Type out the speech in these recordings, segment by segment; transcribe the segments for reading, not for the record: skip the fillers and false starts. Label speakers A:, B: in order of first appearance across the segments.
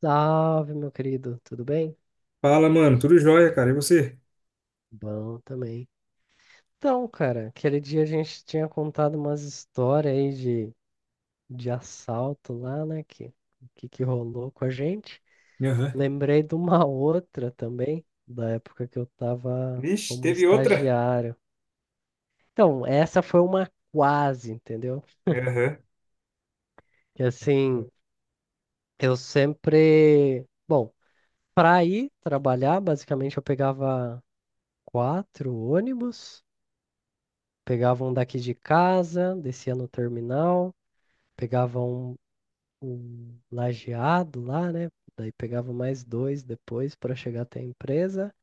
A: Salve, meu querido, tudo bem?
B: Fala, mano. Tudo jóia, cara. E você?
A: Bom também. Então, cara, aquele dia a gente tinha contado umas histórias aí de assalto lá, né? Que rolou com a gente.
B: Aham.
A: Lembrei de uma outra também, da época que eu tava
B: Vixe,
A: como
B: teve outra?
A: estagiário. Então, essa foi uma quase, entendeu?
B: Aham,
A: Que assim, eu sempre. Bom, pra ir trabalhar, basicamente eu pegava quatro ônibus. Pegava um daqui de casa, descia no terminal, pegava um lajeado lá, né? Daí pegava mais dois depois para chegar até a empresa.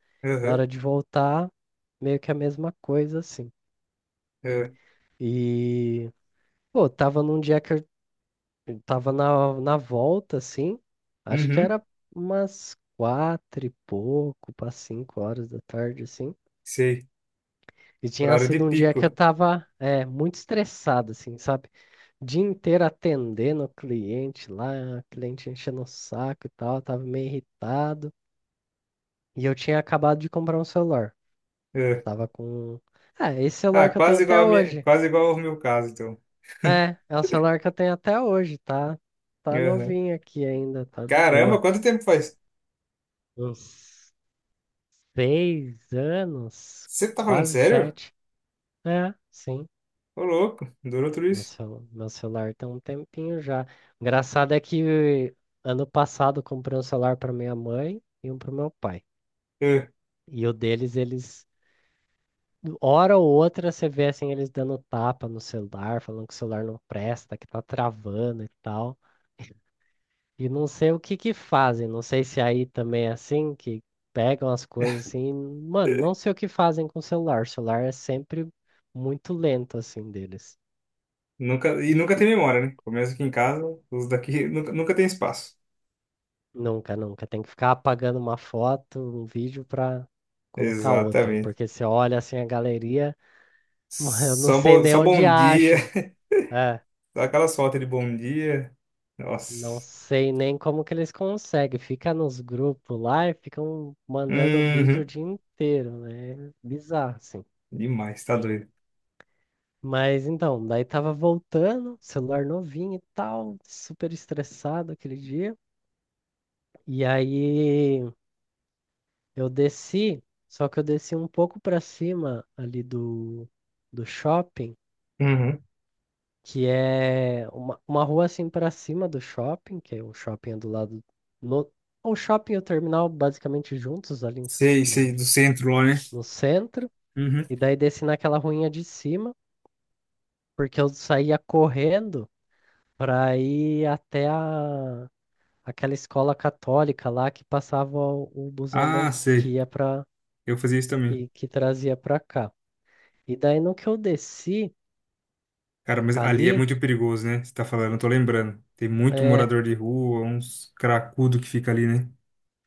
A: Na
B: aham,
A: hora de voltar, meio que a mesma coisa, assim.
B: aham.
A: E, pô, tava num dia que eu tava na volta, assim, acho que
B: Uhum,
A: era umas quatro e pouco para 5 horas da tarde, assim.
B: sei.
A: E tinha
B: Horário de
A: sido um dia que eu
B: pico.
A: tava, é, muito estressado, assim, sabe? Dia inteiro atendendo o cliente lá, o cliente enchendo o saco e tal, tava meio irritado. E eu tinha acabado de comprar um celular.
B: É.
A: Tava com. Ah, esse
B: Ah,
A: celular que eu tenho
B: quase igual
A: até
B: a minha,
A: hoje.
B: quase igual ao meu caso, então.
A: É, é o celular que eu tenho até hoje, tá? Tá
B: Aham.
A: novinho aqui ainda, tá de
B: Caramba,
A: boa.
B: quanto tempo faz?
A: Uns 6 anos,
B: Você tá falando
A: quase
B: sério?
A: sete. É, sim.
B: Ô, louco. Durou tudo
A: Meu
B: isso?
A: celu- meu celular tem um tempinho já. Engraçado é que ano passado eu comprei um celular para minha mãe e um para meu pai.
B: É.
A: E o deles, eles, hora ou outra, você vê assim, eles dando tapa no celular, falando que o celular não presta, que tá travando e tal. E não sei o que que fazem, não sei se aí também é assim, que pegam as coisas assim, mano, não sei o que fazem com o celular. O celular é sempre muito lento assim deles.
B: Nunca, e nunca tem memória, né? Começa aqui em casa, os daqui nunca tem espaço.
A: Nunca, nunca. Tem que ficar apagando uma foto, um vídeo pra colocar outro,
B: Exatamente.
A: porque você olha assim a galeria, mano, eu não sei nem
B: Só
A: onde
B: bom dia.
A: acham. É.
B: Dá aquela sorte de bom dia.
A: Não
B: Nossa.
A: sei nem como que eles conseguem. Fica nos grupos lá e ficam mandando vídeo o
B: Uhum.
A: dia inteiro, né? Bizarro, assim.
B: Demais, tá doido.
A: Mas então, daí tava voltando, celular novinho e tal, super estressado aquele dia. E aí eu desci, só que eu desci um pouco pra cima ali do shopping.
B: Uhum.
A: Que é uma rua assim para cima do shopping, que é o shopping é do lado no, o shopping e o terminal basicamente juntos ali em São-
B: Sei, do
A: no,
B: centro lá, né?
A: no centro,
B: Uhum.
A: e daí desci naquela ruinha de cima, porque eu saía correndo para ir até aquela escola católica lá que passava o busão
B: Ah,
A: que
B: sei.
A: ia para
B: Eu fazia isso também.
A: que trazia para cá. E daí no que eu desci
B: Cara, mas ali é
A: ali,
B: muito perigoso, né? Você tá falando, eu tô lembrando. Tem muito
A: é,
B: morador de rua, uns cracudo que fica ali, né?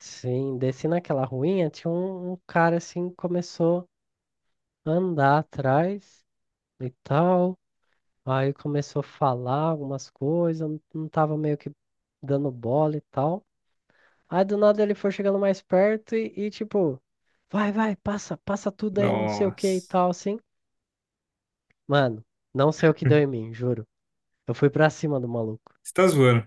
A: sim, desci naquela ruinha, tinha um cara assim, começou andar atrás e tal. Aí começou a falar algumas coisas, eu não tava meio que dando bola e tal. Aí do nada ele foi chegando mais perto e, tipo, vai, vai, passa, passa tudo aí, não sei o que e
B: Nossa.
A: tal, assim. Mano, não sei o que deu em mim, juro. Eu fui pra cima do maluco.
B: Você tá zoando.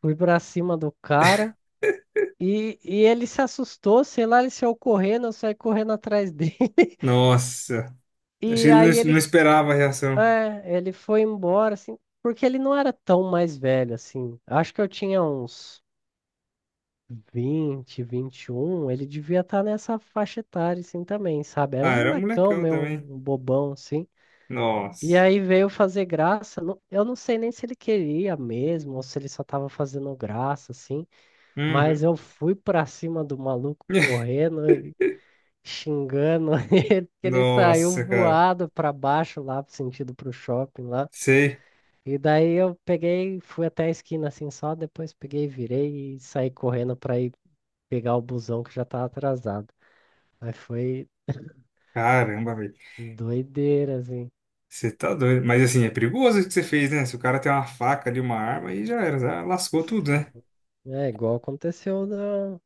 A: Fui pra cima do cara e ele se assustou, sei lá, ele saiu correndo, eu saí correndo atrás dele.
B: Nossa.
A: E
B: Achei que ele
A: aí
B: não,
A: ele
B: não esperava a reação.
A: É, ele foi embora, assim, porque ele não era tão mais velho, assim. Acho que eu tinha uns 20, 21. Ele devia estar nessa faixa etária, assim, também, sabe? Era
B: Ah,
A: um
B: era
A: molecão,
B: molecão
A: meio
B: também.
A: um bobão, assim. E
B: Nossa.
A: aí veio fazer graça. Eu não sei nem se ele queria mesmo, ou se ele só tava fazendo graça, assim.
B: Uhum.
A: Mas eu fui pra cima do maluco correndo e xingando ele, que ele saiu
B: Nossa, cara.
A: voado pra baixo lá, sentido pro shopping.
B: Sei.
A: E daí eu peguei, fui até a esquina assim só, depois peguei, virei e saí correndo pra ir pegar o busão que já tava atrasado. Aí foi
B: Caramba, velho.
A: doideira, assim.
B: Você tá doido. Mas assim, é perigoso o que você fez, né? Se o cara tem uma faca ali, uma arma, aí já era, já lascou tudo, né?
A: É igual aconteceu da,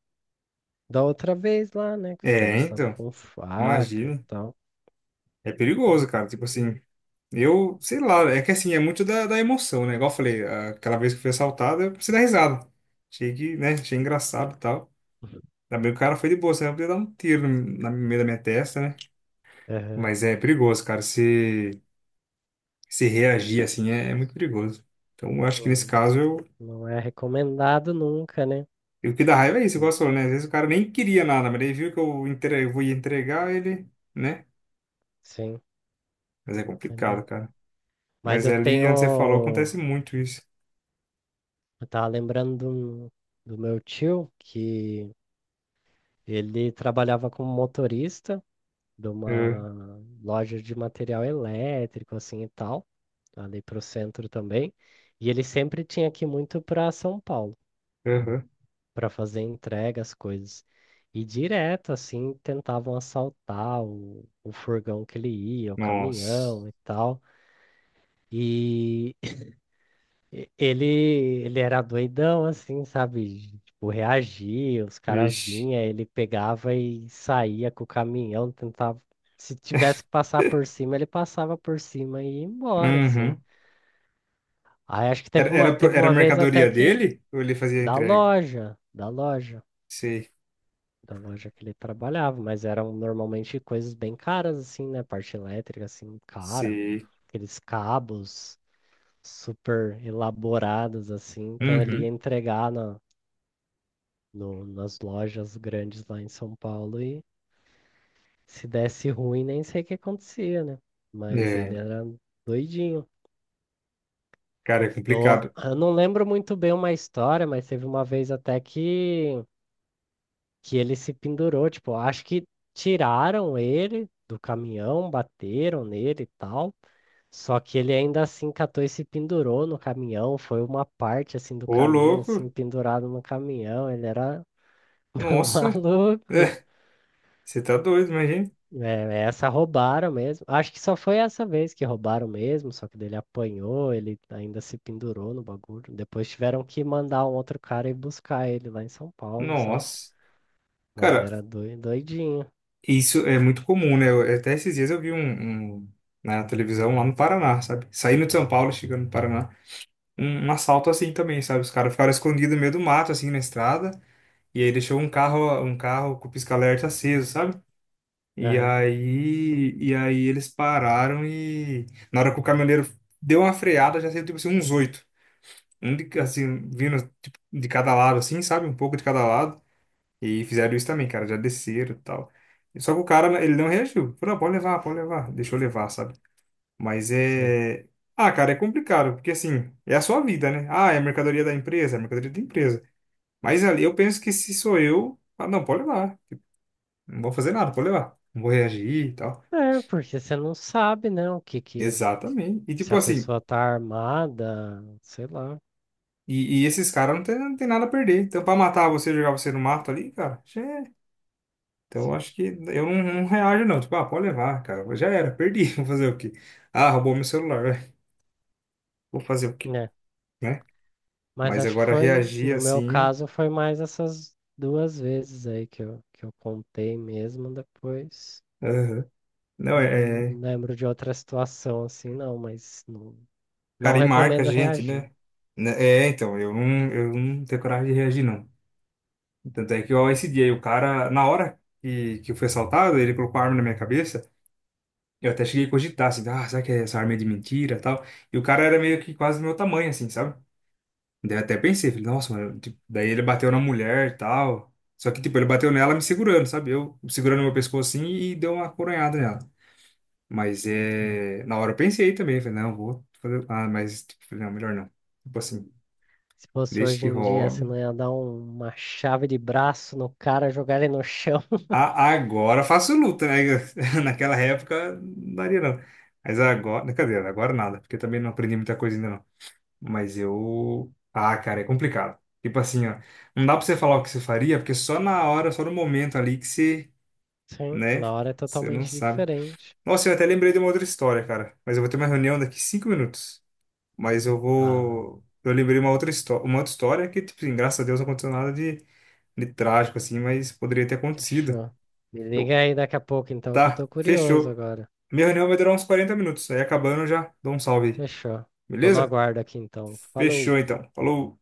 A: da outra vez lá, né? Que os
B: É,
A: caras estavam
B: então,
A: com faca e
B: imagina.
A: tal.
B: É perigoso, cara. Tipo assim, eu, sei lá, é que assim, é muito da emoção, né? Igual eu falei, aquela vez que eu fui assaltado, eu precisei dar risada. Achei que, né? Achei engraçado e tal. Também o cara foi de boa, senão eu podia dar um tiro no meio da minha testa, né?
A: Aham.
B: Mas é perigoso, cara. Se reagir assim é muito perigoso. Então, eu acho que nesse
A: Não,
B: caso
A: não é recomendado nunca, né?
B: E o que dá raiva é isso, igual
A: Hum,
B: você falou, né? Às vezes o cara nem queria nada, mas ele viu que eu, entre... eu vou entregar ele, né?
A: sim,
B: Mas é
A: é
B: complicado,
A: mesmo.
B: cara.
A: Mas
B: Mas
A: eu
B: é ali, antes você falou,
A: tenho.
B: acontece muito isso.
A: Eu tava lembrando do meu tio que ele trabalhava como motorista de
B: É,
A: uma loja de material elétrico, assim e tal, ali para o centro também. E ele sempre tinha que ir muito para São Paulo
B: aham.
A: para fazer entrega, as coisas. E direto, assim, tentavam assaltar o furgão que ele ia, o
B: Nossa.
A: caminhão e tal. E Ele, ele era doidão, assim, sabe? Tipo, reagia, os caras
B: Vixe.
A: vinham, ele pegava e saía com o caminhão, tentava. Se tivesse que passar por cima, ele passava por cima e ia embora, assim.
B: Uhum.
A: Aí acho que teve uma, teve
B: Era a
A: uma vez até
B: mercadoria
A: que
B: dele ou ele fazia a
A: da
B: entrega?
A: loja, da loja,
B: Sei,
A: da loja que ele trabalhava, mas eram normalmente coisas bem caras, assim, né? Parte elétrica, assim, cara,
B: sei.
A: aqueles cabos super elaborados, assim. Então ele ia
B: Uhum.
A: entregar na no- nas lojas grandes lá em São Paulo e se desse ruim, nem sei o que acontecia, né? Mas
B: É,
A: ele era doidinho.
B: cara, é
A: Eu,
B: complicado.
A: eu não lembro muito bem uma história, mas teve uma vez até que ele se pendurou. Tipo, acho que tiraram ele do caminhão, bateram nele e tal. Só que ele ainda assim catou e se pendurou no caminhão. Foi uma parte assim do
B: Ô,
A: caminho,
B: louco.
A: assim, pendurado no caminhão. Ele era
B: Nossa.
A: maluco.
B: É, você tá doido, imagina.
A: É, essa roubaram mesmo. Acho que só foi essa vez que roubaram mesmo, só que dele apanhou, ele ainda se pendurou no bagulho. Depois tiveram que mandar um outro cara ir buscar ele lá em São Paulo, sabe?
B: Nossa.
A: Mas
B: Cara,
A: era doidinho.
B: isso é muito comum, né? Até esses dias eu vi na televisão lá no Paraná, sabe? Saindo de São Paulo, chegando no Paraná, um assalto assim também, sabe? Os caras ficaram escondidos no meio do mato, assim, na estrada, e aí deixou um carro com o pisca-alerta aceso, sabe?
A: Aham,
B: E aí eles pararam e na hora que o caminhoneiro deu uma freada, já saiu tipo assim uns 8. Um de, assim, vindo tipo, de cada lado, assim, sabe? Um pouco de cada lado. E fizeram isso também, cara, já desceram e tal. Só que o cara, ele não reagiu. Falou, não, pode levar, deixa eu levar, sabe? Mas
A: sei.
B: é. Ah, cara, é complicado, porque assim, é a sua vida, né? Ah, é a mercadoria da empresa, é a mercadoria da empresa. Mas ali eu penso que se sou eu, ah, não, pode levar. Não vou fazer nada, pode levar. Não vou reagir e tal.
A: É, porque você não sabe, né, o que que.
B: Exatamente. E
A: Se
B: tipo
A: a
B: assim,
A: pessoa tá armada, sei lá,
B: e esses caras não tem nada a perder. Então, pra matar você, jogar você no mato ali, cara, Então, eu
A: sim.
B: acho que eu não reajo, não. Tipo, ah, pode levar, cara. Já era, perdi. Vou fazer o quê? Ah, roubou meu celular, vai. Vou fazer o quê?
A: É,
B: Né?
A: mas
B: Mas
A: acho que
B: agora
A: foi,
B: reagir
A: no meu
B: assim.
A: caso, foi mais essas duas vezes aí que eu, contei mesmo depois.
B: Aham. Não, é, é-
A: Lembro de outra situação assim, não, mas não
B: Cara, e marca a
A: recomendo
B: gente,
A: reagir.
B: né? Né, é, então, eu eu não tenho coragem de reagir, não. Tanto é que, ó, esse dia aí, o cara, na hora que eu fui assaltado, ele colocou a arma na minha cabeça. Eu até cheguei a cogitar, assim, ah, será que essa arma é de mentira e tal? E o cara era meio que quase do meu tamanho, assim, sabe? Daí eu até pensei, falei, nossa, mano, tipo, daí ele bateu na mulher e tal. Só que, tipo, ele bateu nela me segurando, sabe? Eu segurando meu pescoço assim e deu uma coronhada nela. Mas
A: Né?
B: é. Na hora eu pensei também, falei, não, vou fazer. Ah, mas, tipo, falei, não, melhor não. Tipo assim,
A: Se fosse
B: deixa
A: hoje
B: que
A: em dia, você não
B: roube.
A: ia dar uma chave de braço no cara, jogar ele no chão.
B: Agora faço luta, né? Naquela época não daria não. Mas agora. Cadê? Agora nada, porque também não aprendi muita coisa ainda não. Mas eu. Ah, cara, é complicado. Tipo assim, ó, não dá pra você falar o que você faria, porque só na hora, só no momento ali que você,
A: Sim,
B: né?
A: na hora é
B: Você não
A: totalmente
B: sabe.
A: diferente.
B: Nossa, eu até lembrei de uma outra história, cara. Mas eu vou ter uma reunião daqui 5 minutos. Mas eu
A: Ah,
B: vou. Eu lembrei uma outra história que, tipo assim, graças a Deus não aconteceu nada de, de trágico, assim, mas poderia ter acontecido.
A: fechou. Me
B: Eu,
A: liga aí daqui a pouco então, que eu
B: tá,
A: tô curioso
B: fechou.
A: agora.
B: Minha reunião vai durar uns 40 minutos. Aí acabando, eu já dou um salve aí.
A: Fechou. Tô no
B: Beleza?
A: aguardo aqui então.
B: Fechou
A: Falou.
B: então. Falou.